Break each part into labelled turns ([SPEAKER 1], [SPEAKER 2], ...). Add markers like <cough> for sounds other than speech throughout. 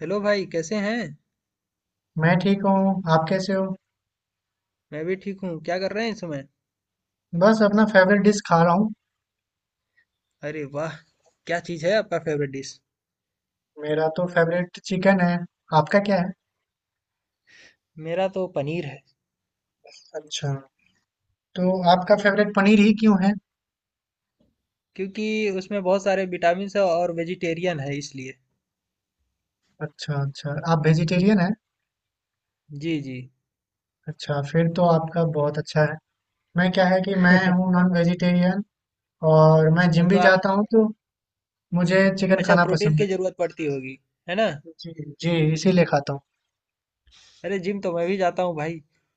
[SPEAKER 1] Hello भाई, कैसे हैं?
[SPEAKER 2] मैं ठीक हूँ। आप कैसे हो?
[SPEAKER 1] मैं भी ठीक हूँ। क्या कर रहे हैं इस समय?
[SPEAKER 2] बस अपना फेवरेट डिश खा रहा हूँ।
[SPEAKER 1] अरे वाह। क्या चीज़ है आपका फेवरेट डिश?
[SPEAKER 2] मेरा तो फेवरेट चिकन है। आपका क्या है?
[SPEAKER 1] मेरा तो पनीर है।
[SPEAKER 2] अच्छा। तो आपका फेवरेट पनीर ही क्यों है?
[SPEAKER 1] क्योंकि उसमें बहुत सारे विटामिन है और वेजिटेरियन है इसलिए।
[SPEAKER 2] अच्छा, अच्छा, आप वेजिटेरियन हैं?
[SPEAKER 1] जी जी।
[SPEAKER 2] अच्छा, फिर तो आपका बहुत अच्छा है। मैं क्या है कि मैं हूँ नॉन वेजिटेरियन। और मैं
[SPEAKER 1] तो,
[SPEAKER 2] जिम
[SPEAKER 1] तो
[SPEAKER 2] भी
[SPEAKER 1] आप...
[SPEAKER 2] जाता हूँ, तो मुझे चिकन
[SPEAKER 1] अच्छा,
[SPEAKER 2] खाना
[SPEAKER 1] प्रोटीन
[SPEAKER 2] पसंद है।
[SPEAKER 1] की ज़रूरत पड़ती होगी, है ना?
[SPEAKER 2] जी, जी, इसीलिए खाता हूँ।
[SPEAKER 1] अरे जिम तो मैं भी जाता हूँ भाई,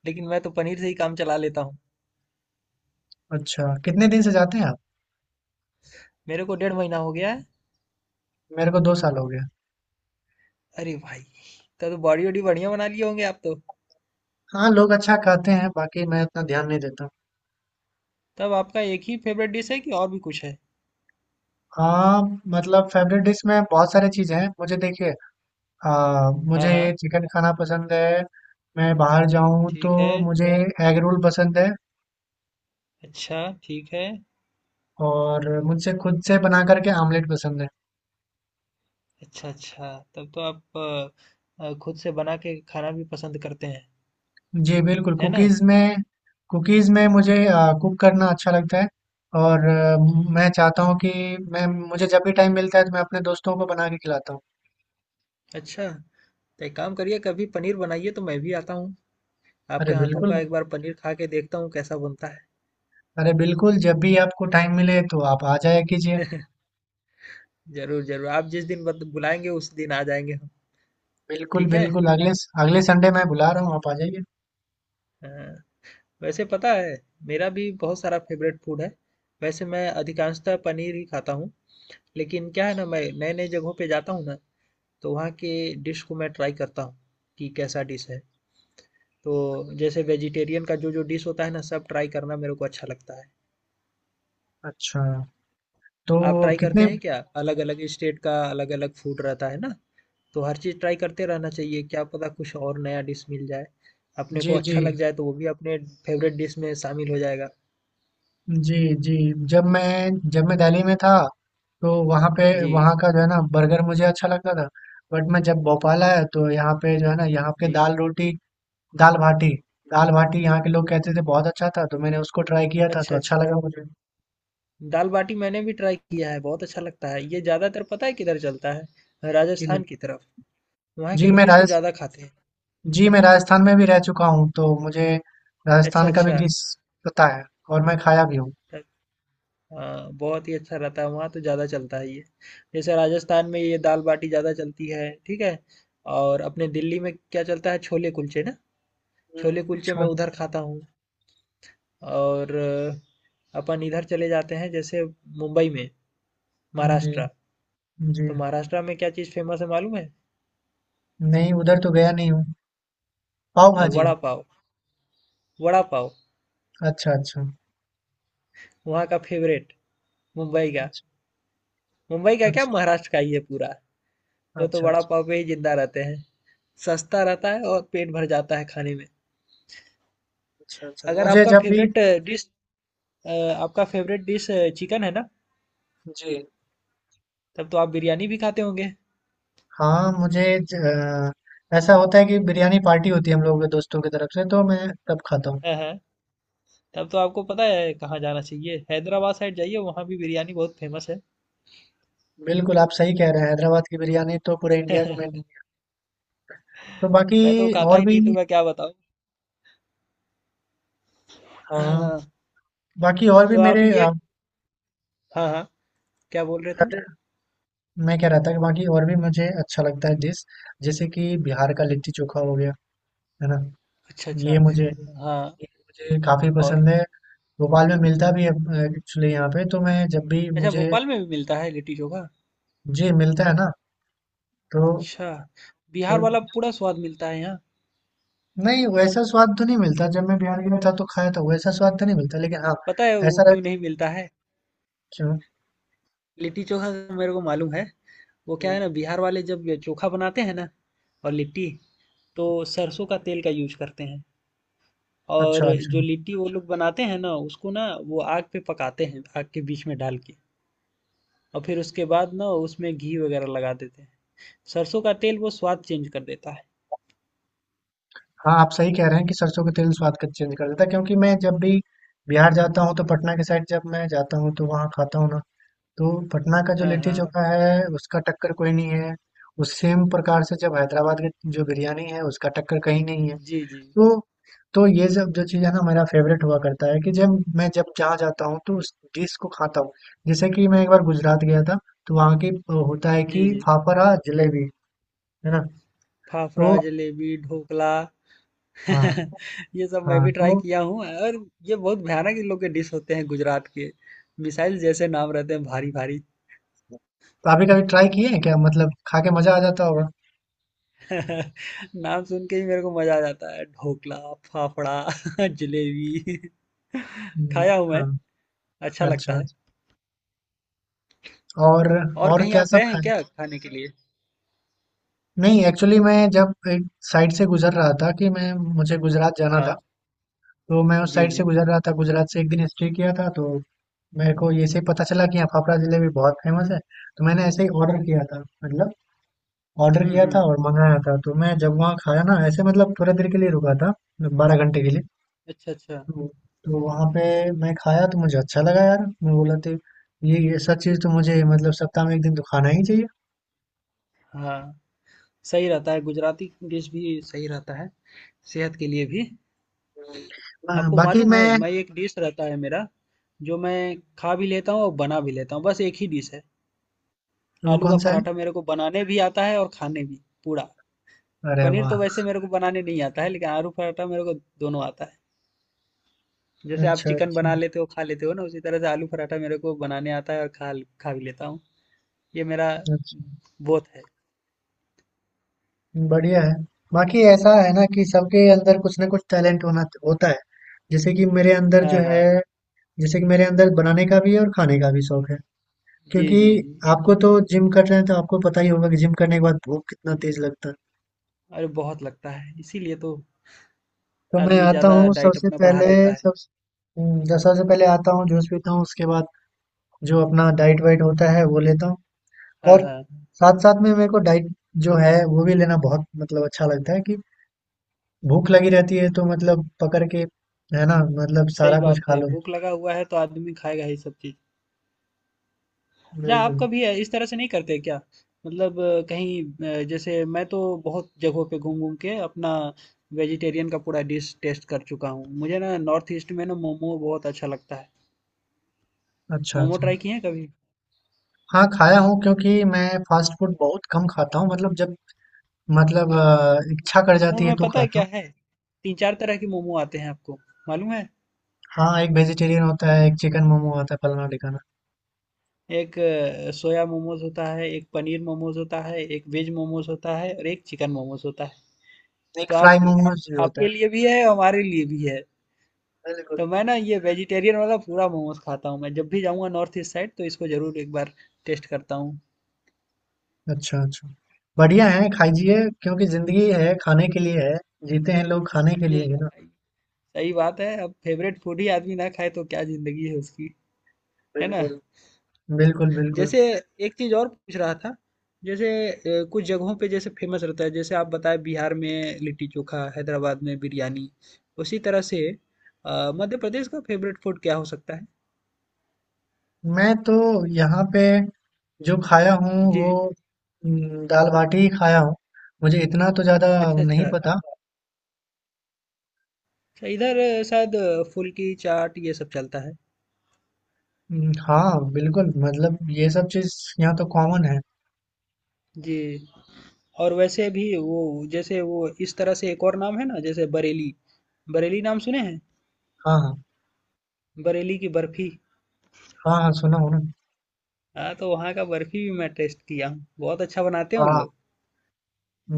[SPEAKER 1] लेकिन मैं तो पनीर से ही काम चला लेता हूँ।
[SPEAKER 2] अच्छा, कितने दिन से जाते हैं आप?
[SPEAKER 1] मेरे को डेढ़ महीना हो गया है।
[SPEAKER 2] मेरे को 2 साल हो गया।
[SPEAKER 1] अरे भाई, तब तो बॉडी वॉडी बढ़िया बना लिए होंगे आप तो।
[SPEAKER 2] हाँ, लोग अच्छा खाते हैं, बाकी मैं इतना ध्यान नहीं देता।
[SPEAKER 1] तब आपका एक ही फेवरेट डिश है कि और भी कुछ है?
[SPEAKER 2] हाँ। मतलब फेवरेट डिश में बहुत सारी चीज़ें हैं मुझे। देखिए,
[SPEAKER 1] हाँ
[SPEAKER 2] मुझे
[SPEAKER 1] हाँ।
[SPEAKER 2] चिकन खाना पसंद है। मैं बाहर जाऊं तो
[SPEAKER 1] ठीक है।
[SPEAKER 2] मुझे एग रोल पसंद है।
[SPEAKER 1] अच्छा, ठीक है।
[SPEAKER 2] और मुझसे खुद से बना करके आमलेट पसंद है।
[SPEAKER 1] अच्छा, अच्छा। तब तो आप खुद से बना के खाना भी पसंद करते हैं,
[SPEAKER 2] जी, बिल्कुल।
[SPEAKER 1] है ना?
[SPEAKER 2] कुकीज़ में मुझे कुक करना अच्छा लगता है। और मैं चाहता हूँ कि मैं मुझे जब भी टाइम मिलता है तो मैं अपने दोस्तों को बना के खिलाता हूँ।
[SPEAKER 1] अच्छा, तो एक काम करिए, कभी पनीर बनाइए तो मैं भी आता हूँ।
[SPEAKER 2] अरे,
[SPEAKER 1] आपके हाथों
[SPEAKER 2] बिल्कुल।
[SPEAKER 1] का एक बार पनीर खा के देखता हूँ कैसा बनता है।
[SPEAKER 2] अरे, बिल्कुल, जब भी आपको टाइम मिले तो आप आ जाया कीजिए।
[SPEAKER 1] ज़रूर, ज़रूर। आप जिस दिन बत बुलाएँगे उस दिन आ जाएँगे हम।
[SPEAKER 2] बिल्कुल,
[SPEAKER 1] ठीक है?
[SPEAKER 2] बिल्कुल, अगले संडे मैं बुला रहा हूँ, आप आ जाइए।
[SPEAKER 1] हाँ। वैसे पता है, मेरा भी बहुत सारा फ़ेवरेट फ़ूड है। वैसे मैं अधिकांशतः पनीर ही खाता हूँ, लेकिन क्या है ना, मैं नए-नए जगहों पे जाता हूँ ना, तो वहाँ के डिश को मैं ट्राई करता हूँ, कि कैसा डिश है। तो जैसे वेजिटेरियन का जो जो डिश होता है ना, सब ट्राई करना मेरे को अच्छा लगता है।
[SPEAKER 2] अच्छा। तो
[SPEAKER 1] आप ट्राई करते
[SPEAKER 2] कितने।
[SPEAKER 1] हैं क्या? अलग अलग स्टेट का अलग अलग फूड रहता है ना, तो हर चीज़ ट्राई करते रहना चाहिए, क्या पता कुछ और नया डिश मिल जाए, अपने को
[SPEAKER 2] जी,
[SPEAKER 1] अच्छा
[SPEAKER 2] जी,
[SPEAKER 1] लग जाए तो वो भी अपने फेवरेट डिश में शामिल हो जाएगा।
[SPEAKER 2] जी, जी, जब मैं जब मैं दिल्ली में था, तो वहाँ पे
[SPEAKER 1] जी
[SPEAKER 2] वहाँ का जो है ना बर्गर मुझे अच्छा लगता था, बट मैं जब भोपाल आया तो यहाँ पे जो है ना, यहाँ पे
[SPEAKER 1] जी।
[SPEAKER 2] दाल-रोटी, दाल-बाटी। दाल-बाटी यहाँ के लोग कहते थे, बहुत अच्छा था, तो मैंने उसको ट्राई किया था, तो
[SPEAKER 1] अच्छा
[SPEAKER 2] अच्छा
[SPEAKER 1] अच्छा।
[SPEAKER 2] लगा मुझे।
[SPEAKER 1] दाल बाटी मैंने भी ट्राई किया है, बहुत अच्छा लगता है ये। ज़्यादातर पता है किधर चलता है?
[SPEAKER 2] जी,
[SPEAKER 1] राजस्थान की तरफ। वहाँ के
[SPEAKER 2] जी, मैं
[SPEAKER 1] लोग इसको
[SPEAKER 2] राजस
[SPEAKER 1] ज़्यादा खाते हैं।
[SPEAKER 2] जी, मैं राजस्थान में भी रह चुका हूँ, तो मुझे
[SPEAKER 1] अच्छा
[SPEAKER 2] राजस्थान का भी
[SPEAKER 1] अच्छा।
[SPEAKER 2] डिश पता है और मैं खाया भी हूँ।
[SPEAKER 1] हाँ, बहुत ही अच्छा रहता है वहाँ, तो ज़्यादा चलता है ये। जैसे राजस्थान में ये दाल बाटी ज़्यादा चलती है, ठीक है? और अपने दिल्ली में क्या चलता है? छोले कुलचे ना। छोले
[SPEAKER 2] हुँ।
[SPEAKER 1] कुलचे मैं उधर खाता हूँ। और अपन इधर चले जाते हैं जैसे, मुंबई में,
[SPEAKER 2] जी,
[SPEAKER 1] महाराष्ट्र।
[SPEAKER 2] जी।
[SPEAKER 1] तो महाराष्ट्र में क्या चीज़ फेमस है मालूम है?
[SPEAKER 2] नहीं, उधर तो गया नहीं हूँ। पाव भाजी?
[SPEAKER 1] वड़ा पाव। वड़ा पाव।
[SPEAKER 2] अच्छा, अच्छा,
[SPEAKER 1] वहाँ का फेवरेट, मुंबई का।
[SPEAKER 2] अच्छा,
[SPEAKER 1] मुंबई का क्या,
[SPEAKER 2] अच्छा,
[SPEAKER 1] महाराष्ट्र का ही है पूरा। वो तो
[SPEAKER 2] अच्छा,
[SPEAKER 1] वड़ा
[SPEAKER 2] अच्छा।
[SPEAKER 1] पाव पे ही जिंदा रहते हैं। सस्ता रहता है और पेट भर जाता है खाने में।
[SPEAKER 2] अच्छा, अच्छा।
[SPEAKER 1] अगर
[SPEAKER 2] मुझे
[SPEAKER 1] आपका
[SPEAKER 2] जब भी।
[SPEAKER 1] फेवरेट डिश, आपका फेवरेट डिश चिकन है ना,
[SPEAKER 2] जी।
[SPEAKER 1] तब तो आप बिरयानी भी खाते होंगे।
[SPEAKER 2] हाँ, मुझे ऐसा होता है कि बिरयानी पार्टी होती है हम लोगों के दोस्तों की तरफ से, तो मैं तब खाता हूँ।
[SPEAKER 1] हाँ हाँ। तब तो आपको पता है कहाँ जाना चाहिए, हैदराबाद साइड जाइए, वहाँ भी बिरयानी बहुत फेमस है।
[SPEAKER 2] बिल्कुल, आप सही कह रहे हैं, हैदराबाद की बिरयानी तो पूरे इंडिया की मेन। तो बाकी
[SPEAKER 1] मैं तो खाता
[SPEAKER 2] और
[SPEAKER 1] ही
[SPEAKER 2] भी।
[SPEAKER 1] नहीं तो मैं क्या बताऊँ।
[SPEAKER 2] हाँ,
[SPEAKER 1] हाँ।
[SPEAKER 2] बाकी और भी
[SPEAKER 1] तो आप
[SPEAKER 2] मेरे
[SPEAKER 1] ये... हाँ हाँ, क्या बोल रहे थे?
[SPEAKER 2] फेवरेट। मैं कह रहा था कि बाकी और भी मुझे अच्छा लगता है डिश, जैसे कि बिहार का लिट्टी चोखा हो गया, है ना?
[SPEAKER 1] अच्छा अच्छा।
[SPEAKER 2] ये मुझे ये
[SPEAKER 1] हाँ।
[SPEAKER 2] मुझे काफ़ी
[SPEAKER 1] और
[SPEAKER 2] पसंद है। भोपाल में मिलता भी है। एक्चुअली यहाँ पे तो मैं जब भी
[SPEAKER 1] अच्छा,
[SPEAKER 2] मुझे।
[SPEAKER 1] भोपाल में भी मिलता है लिट्टी चोखा?
[SPEAKER 2] जी, मिलता है ना। तो
[SPEAKER 1] अच्छा,
[SPEAKER 2] तो
[SPEAKER 1] बिहार वाला पूरा स्वाद मिलता है यहाँ?
[SPEAKER 2] नहीं वैसा स्वाद तो नहीं मिलता, जब मैं बिहार गया था तो खाया था, वैसा स्वाद तो नहीं मिलता, लेकिन हाँ
[SPEAKER 1] पता है वो
[SPEAKER 2] ऐसा रह।
[SPEAKER 1] क्यों नहीं मिलता है लिट्टी चोखा? मेरे को मालूम है। वो क्या है ना, बिहार वाले जब ये चोखा बनाते हैं ना और लिट्टी, तो सरसों का तेल का यूज करते हैं।
[SPEAKER 2] अच्छा,
[SPEAKER 1] और
[SPEAKER 2] अच्छा।
[SPEAKER 1] जो लिट्टी वो लोग बनाते हैं ना, उसको ना वो आग पे पकाते हैं, आग के बीच में डाल के, और फिर उसके बाद ना उसमें घी वगैरह लगा देते हैं। सरसों का तेल वो स्वाद चेंज कर देता है।
[SPEAKER 2] हाँ, आप सही कह रहे हैं कि सरसों का तेल स्वाद का चेंज कर देता है, क्योंकि मैं जब भी बिहार जाता हूँ तो पटना के साइड जब मैं जाता हूँ तो वहाँ खाता हूँ ना। तो पटना का जो
[SPEAKER 1] हाँ
[SPEAKER 2] लिट्टी
[SPEAKER 1] हाँ।
[SPEAKER 2] चोखा है, उसका टक्कर कोई नहीं है। उस सेम प्रकार से जब हैदराबाद की जो बिरयानी है, उसका टक्कर कहीं नहीं है।
[SPEAKER 1] जी जी।
[SPEAKER 2] तो तो ये सब जो चीज़ है ना, मेरा फेवरेट हुआ करता है कि जब मैं जब जहाँ जाता हूँ तो उस डिश को खाता हूँ। जैसे कि मैं एक बार गुजरात गया था, तो वहाँ की होता है कि
[SPEAKER 1] जी जी।
[SPEAKER 2] फाफड़ा जलेबी, है ना?
[SPEAKER 1] फाफड़ा
[SPEAKER 2] तो।
[SPEAKER 1] जलेबी ढोकला। <laughs>
[SPEAKER 2] हाँ,
[SPEAKER 1] ये सब मैं
[SPEAKER 2] हाँ।
[SPEAKER 1] भी ट्राई
[SPEAKER 2] तो
[SPEAKER 1] किया हूँ, और ये बहुत भयानक इन लोग के डिश होते हैं गुजरात के। मिसाइल जैसे नाम रहते हैं भारी भारी।
[SPEAKER 2] अभी कभी ट्राई किए हैं क्या, मतलब खा के मजा आ जाता होगा?
[SPEAKER 1] <laughs> नाम सुन के ही मेरे को मजा आ जाता है, ढोकला, फाफड़ा, <laughs> जलेबी <laughs>
[SPEAKER 2] हम्म,
[SPEAKER 1] खाया हूं मैं।
[SPEAKER 2] हाँ।
[SPEAKER 1] अच्छा
[SPEAKER 2] अच्छा,
[SPEAKER 1] लगता
[SPEAKER 2] अच्छा।
[SPEAKER 1] है।
[SPEAKER 2] और
[SPEAKER 1] और
[SPEAKER 2] और
[SPEAKER 1] कहीं
[SPEAKER 2] क्या
[SPEAKER 1] आप
[SPEAKER 2] सब
[SPEAKER 1] गए हैं
[SPEAKER 2] खाए।
[SPEAKER 1] क्या खाने के लिए?
[SPEAKER 2] नहीं, एक्चुअली मैं जब एक साइड से गुजर रहा था कि मैं मुझे गुजरात जाना था,
[SPEAKER 1] हाँ।
[SPEAKER 2] तो मैं उस
[SPEAKER 1] जी
[SPEAKER 2] साइड से
[SPEAKER 1] जी।
[SPEAKER 2] गुज़र रहा था, गुजरात से 1 दिन स्टे किया था, तो मेरे को ऐसे ही पता चला कि यहाँ फाफड़ा जलेबी बहुत फेमस है, तो मैंने ऐसे ही ऑर्डर किया था, मतलब ऑर्डर किया था
[SPEAKER 1] हम्म।
[SPEAKER 2] और मँगाया था। तो मैं जब वहाँ खाया ना, ऐसे मतलब थोड़ी देर के लिए रुका था, 12 घंटे के लिए।
[SPEAKER 1] अच्छा अच्छा।
[SPEAKER 2] तो तो वहाँ पे मैं खाया तो मुझे अच्छा लगा यार, मैं बोला तो ये सब चीज़ तो मुझे मतलब सप्ताह में 1 दिन तो खाना ही चाहिए।
[SPEAKER 1] हाँ, सही रहता है, गुजराती डिश भी सही रहता है सेहत के लिए भी।
[SPEAKER 2] हाँ,
[SPEAKER 1] आपको
[SPEAKER 2] बाकी
[SPEAKER 1] मालूम है,
[SPEAKER 2] मैं।
[SPEAKER 1] मैं एक डिश रहता है मेरा जो मैं खा भी लेता हूँ और बना भी लेता हूँ, बस एक ही डिश है।
[SPEAKER 2] वो
[SPEAKER 1] आलू का
[SPEAKER 2] कौन सा
[SPEAKER 1] पराठा
[SPEAKER 2] है?
[SPEAKER 1] मेरे को बनाने भी आता है और खाने भी पूरा।
[SPEAKER 2] अरे
[SPEAKER 1] पनीर तो
[SPEAKER 2] वाह!
[SPEAKER 1] वैसे मेरे को बनाने नहीं आता है, लेकिन आलू पराठा मेरे को दोनों आता है। जैसे आप
[SPEAKER 2] अच्छा,
[SPEAKER 1] चिकन
[SPEAKER 2] अच्छा,
[SPEAKER 1] बना लेते हो, खा लेते हो ना, उसी तरह से आलू पराठा मेरे को बनाने आता है और खा खा भी लेता हूँ। ये मेरा
[SPEAKER 2] अच्छा।
[SPEAKER 1] बहुत है।
[SPEAKER 2] बढ़िया है। बाकी ऐसा है ना कि सबके अंदर कुछ ना कुछ टैलेंट होना होता है। जैसे कि मेरे अंदर जो
[SPEAKER 1] हाँ हाँ।
[SPEAKER 2] है, जैसे कि मेरे अंदर बनाने का भी है और खाने का भी शौक है।
[SPEAKER 1] जी
[SPEAKER 2] क्योंकि
[SPEAKER 1] जी जी।
[SPEAKER 2] आपको तो जिम कर रहे हैं तो आपको पता ही होगा कि जिम करने के बाद भूख कितना तेज लगता है।
[SPEAKER 1] अरे बहुत लगता है, इसीलिए तो
[SPEAKER 2] तो मैं
[SPEAKER 1] आदमी
[SPEAKER 2] आता
[SPEAKER 1] ज़्यादा
[SPEAKER 2] हूँ
[SPEAKER 1] डाइट
[SPEAKER 2] सबसे
[SPEAKER 1] अपना बढ़ा
[SPEAKER 2] पहले
[SPEAKER 1] देता है।
[SPEAKER 2] सब। जब सबसे पहले आता हूँ जूस पीता हूँ, उसके बाद जो अपना डाइट वाइट होता है वो लेता हूँ।
[SPEAKER 1] हाँ
[SPEAKER 2] और
[SPEAKER 1] हाँ।
[SPEAKER 2] साथ साथ में मेरे को डाइट जो है वो भी लेना बहुत मतलब अच्छा लगता है कि भूख लगी रहती है, तो मतलब पकड़ के, है ना? मतलब
[SPEAKER 1] सही
[SPEAKER 2] सारा कुछ
[SPEAKER 1] बात
[SPEAKER 2] खा
[SPEAKER 1] है,
[SPEAKER 2] लो।
[SPEAKER 1] भूख लगा हुआ है तो आदमी खाएगा ही सब चीज़। अच्छा, आप
[SPEAKER 2] बिल्कुल।
[SPEAKER 1] कभी इस तरह से नहीं करते क्या? मतलब कहीं जैसे मैं तो बहुत जगहों पे घूम घूम के अपना वेजिटेरियन का पूरा डिश टेस्ट कर चुका हूँ। मुझे ना नॉर्थ ईस्ट में ना मोमो बहुत अच्छा लगता है।
[SPEAKER 2] अच्छा,
[SPEAKER 1] मोमो
[SPEAKER 2] अच्छा।
[SPEAKER 1] ट्राई किए हैं कभी?
[SPEAKER 2] हाँ, खाया हूँ, क्योंकि मैं फ़ास्ट फूड बहुत कम खाता हूँ, मतलब जब मतलब इच्छा कर
[SPEAKER 1] मोमो
[SPEAKER 2] जाती है
[SPEAKER 1] में
[SPEAKER 2] तो
[SPEAKER 1] पता है
[SPEAKER 2] खाता
[SPEAKER 1] क्या
[SPEAKER 2] हूँ।
[SPEAKER 1] है? तीन चार तरह के मोमो आते हैं आपको, मालूम है?
[SPEAKER 2] हाँ, एक वेजिटेरियन होता है, एक चिकन मोमो आता है फलाना-ढिकाना,
[SPEAKER 1] एक सोया मोमोज होता है, एक पनीर मोमोज होता है, एक वेज मोमोज होता है और एक चिकन मोमोज होता है।
[SPEAKER 2] एक
[SPEAKER 1] तो
[SPEAKER 2] फ्राई
[SPEAKER 1] आप,
[SPEAKER 2] मोमोज़ भी होता है।
[SPEAKER 1] आपके लिए भी है और हमारे लिए भी है।
[SPEAKER 2] बिल्कुल।
[SPEAKER 1] तो मैं ना ये वेजिटेरियन वाला पूरा मोमोज खाता हूँ, मैं जब भी जाऊँगा नॉर्थ ईस्ट साइड तो इसको जरूर एक बार टेस्ट करता हूँ।
[SPEAKER 2] अच्छा, अच्छा। बढ़िया है, खाइए, क्योंकि ज़िंदगी है, खाने के लिए है, जीते हैं लोग खाने के लिए ही
[SPEAKER 1] एक,
[SPEAKER 2] ना।
[SPEAKER 1] सही बात है, अब फेवरेट फूड ही आदमी ना खाए तो क्या जिंदगी है उसकी। है ना?
[SPEAKER 2] बिल्कुल। बिल्कुल, बिल्कुल।
[SPEAKER 1] जैसे, एक चीज और पूछ रहा था, जैसे कुछ जगहों पे जैसे फेमस रहता है, जैसे आप बताए बिहार में लिट्टी चोखा, हैदराबाद में बिरयानी, उसी तरह से मध्य प्रदेश का फेवरेट फूड क्या हो सकता है?
[SPEAKER 2] मैं तो यहाँ पे जो खाया हूँ
[SPEAKER 1] जी।
[SPEAKER 2] वो दाल बाटी ही खाया हूँ। मुझे इतना तो ज़्यादा
[SPEAKER 1] अच्छा
[SPEAKER 2] नहीं
[SPEAKER 1] अच्छा।
[SPEAKER 2] पता।
[SPEAKER 1] अच्छा, इधर शायद फुल्की चाट ये सब चलता है।
[SPEAKER 2] हाँ, बिल्कुल, मतलब ये सब चीज़ यहाँ तो कॉमन है।
[SPEAKER 1] जी। और वैसे भी वो, जैसे वो इस तरह से एक और नाम है ना, जैसे बरेली, बरेली नाम सुने हैं?
[SPEAKER 2] हाँ, हाँ।
[SPEAKER 1] बरेली की बर्फी।
[SPEAKER 2] हाँ, हाँ, सुना हूँ ना।
[SPEAKER 1] हाँ, तो वहाँ का बर्फी भी मैं टेस्ट किया हूँ, बहुत अच्छा बनाते हैं उन
[SPEAKER 2] वाह।
[SPEAKER 1] लोग।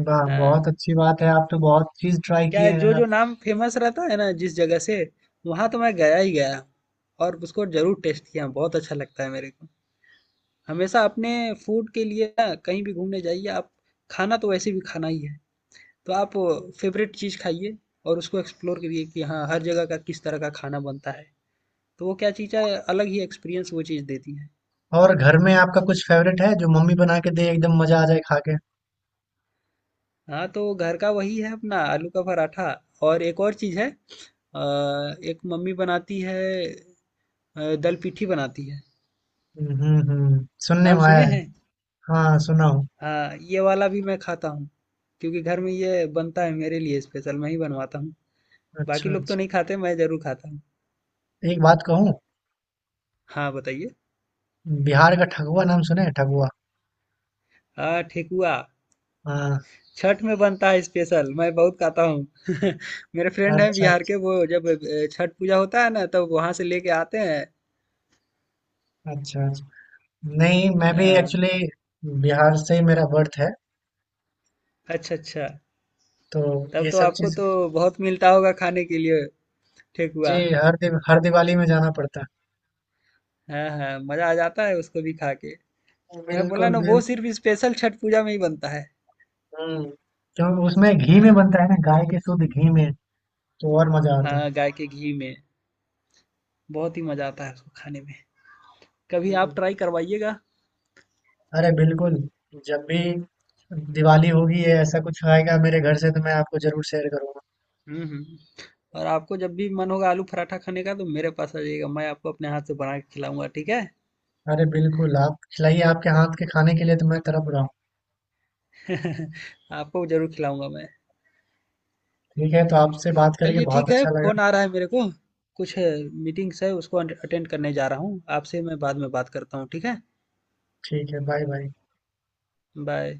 [SPEAKER 2] वाह, बहुत
[SPEAKER 1] हाँ,
[SPEAKER 2] अच्छी बात है, आप तो बहुत चीज़ ट्राई
[SPEAKER 1] क्या
[SPEAKER 2] किए
[SPEAKER 1] है,
[SPEAKER 2] हैं
[SPEAKER 1] जो जो
[SPEAKER 2] आप।
[SPEAKER 1] नाम फेमस रहता है ना जिस जगह से, वहाँ तो मैं गया ही गया और उसको जरूर टेस्ट किया, बहुत अच्छा लगता है मेरे को। हमेशा अपने फूड के लिए ना कहीं भी घूमने जाइए आप, खाना तो वैसे भी खाना ही है, तो आप फेवरेट चीज़ खाइए, और उसको एक्सप्लोर करिए कि हाँ हर जगह का किस तरह का खाना बनता है, तो वो क्या चीज़ है, अलग ही एक्सपीरियंस वो चीज़ देती है।
[SPEAKER 2] और घर में आपका कुछ फेवरेट है जो मम्मी बना के दे, एकदम मज़ा आ जाए खा के?
[SPEAKER 1] हाँ, तो घर का वही है अपना, आलू का पराठा। और एक और चीज़ है, एक मम्मी बनाती है, दल पिठी बनाती है।
[SPEAKER 2] हम्म, हम्म, सुनने
[SPEAKER 1] नाम
[SPEAKER 2] में आया
[SPEAKER 1] सुने
[SPEAKER 2] है।
[SPEAKER 1] हैं?
[SPEAKER 2] हाँ, सुना हूँ।
[SPEAKER 1] हाँ, ये वाला भी मैं खाता हूँ क्योंकि घर में ये बनता है मेरे लिए स्पेशल, मैं ही बनवाता हूँ।
[SPEAKER 2] अच्छा,
[SPEAKER 1] बाकी
[SPEAKER 2] अच्छा।
[SPEAKER 1] लोग तो नहीं खाते, मैं जरूर खाता हूँ।
[SPEAKER 2] एक बात कहूँ?
[SPEAKER 1] हाँ, बताइए।
[SPEAKER 2] बिहार का ठगुआ नाम सुने हैं, ठगुआ?
[SPEAKER 1] हाँ, ठेकुआ।
[SPEAKER 2] हाँ।
[SPEAKER 1] छठ में बनता है स्पेशल, मैं बहुत खाता हूँ। <laughs> मेरे फ्रेंड हैं
[SPEAKER 2] राजस्थान।
[SPEAKER 1] बिहार के, वो जब छठ पूजा होता है ना तब वहां से लेके आते हैं।
[SPEAKER 2] अच्छा, अच्छा। नहीं, मैं भी
[SPEAKER 1] हाँ।
[SPEAKER 2] एक्चुअली बिहार से ही मेरा बर्थ है,
[SPEAKER 1] अच्छा अच्छा।
[SPEAKER 2] तो
[SPEAKER 1] तब
[SPEAKER 2] ये
[SPEAKER 1] तो
[SPEAKER 2] सब
[SPEAKER 1] आपको
[SPEAKER 2] चीज।
[SPEAKER 1] तो बहुत मिलता होगा खाने के लिए,
[SPEAKER 2] जी,
[SPEAKER 1] ठेकुआ।
[SPEAKER 2] हर दिवाली में जाना पड़ता
[SPEAKER 1] हाँ हाँ, मजा आ जाता है उसको भी खा के।
[SPEAKER 2] है।
[SPEAKER 1] मैं बोला
[SPEAKER 2] बिल्कुल,
[SPEAKER 1] ना, वो
[SPEAKER 2] बिल्कुल।
[SPEAKER 1] सिर्फ स्पेशल छठ पूजा में ही बनता है।
[SPEAKER 2] हम्म क्योंकि उसमें घी में
[SPEAKER 1] हाँ।
[SPEAKER 2] बनता है ना, गाय के शुद्ध घी में, तो और मजा आता है।
[SPEAKER 1] हाँ, गाय के घी में बहुत ही मजा आता है उसको खाने में। कभी आप
[SPEAKER 2] हम्म।
[SPEAKER 1] ट्राई करवाइएगा।
[SPEAKER 2] अरे, बिल्कुल, जब भी दिवाली होगी या ऐसा कुछ आएगा मेरे घर से तो मैं आपको जरूर शेयर करूंगा।
[SPEAKER 1] हम्म। और आपको जब भी मन होगा आलू पराठा खाने का तो मेरे पास आ जाइएगा, मैं आपको अपने हाथ से बना के खिलाऊंगा, ठीक है?
[SPEAKER 2] अरे, बिल्कुल, आप खिलाइए, आपके हाथ के खाने के लिए तो मैं तरफ रहा हूँ।
[SPEAKER 1] <laughs> आपको जरूर खिलाऊंगा मैं।
[SPEAKER 2] ठीक है, तो आपसे बात करके
[SPEAKER 1] चलिए
[SPEAKER 2] बहुत
[SPEAKER 1] ठीक है,
[SPEAKER 2] अच्छा लगा।
[SPEAKER 1] फोन आ रहा है मेरे को, कुछ मीटिंग्स है उसको अटेंड करने जा रहा हूँ, आपसे मैं बाद में बात करता हूँ, ठीक है?
[SPEAKER 2] ठीक है। Bye bye.
[SPEAKER 1] बाय।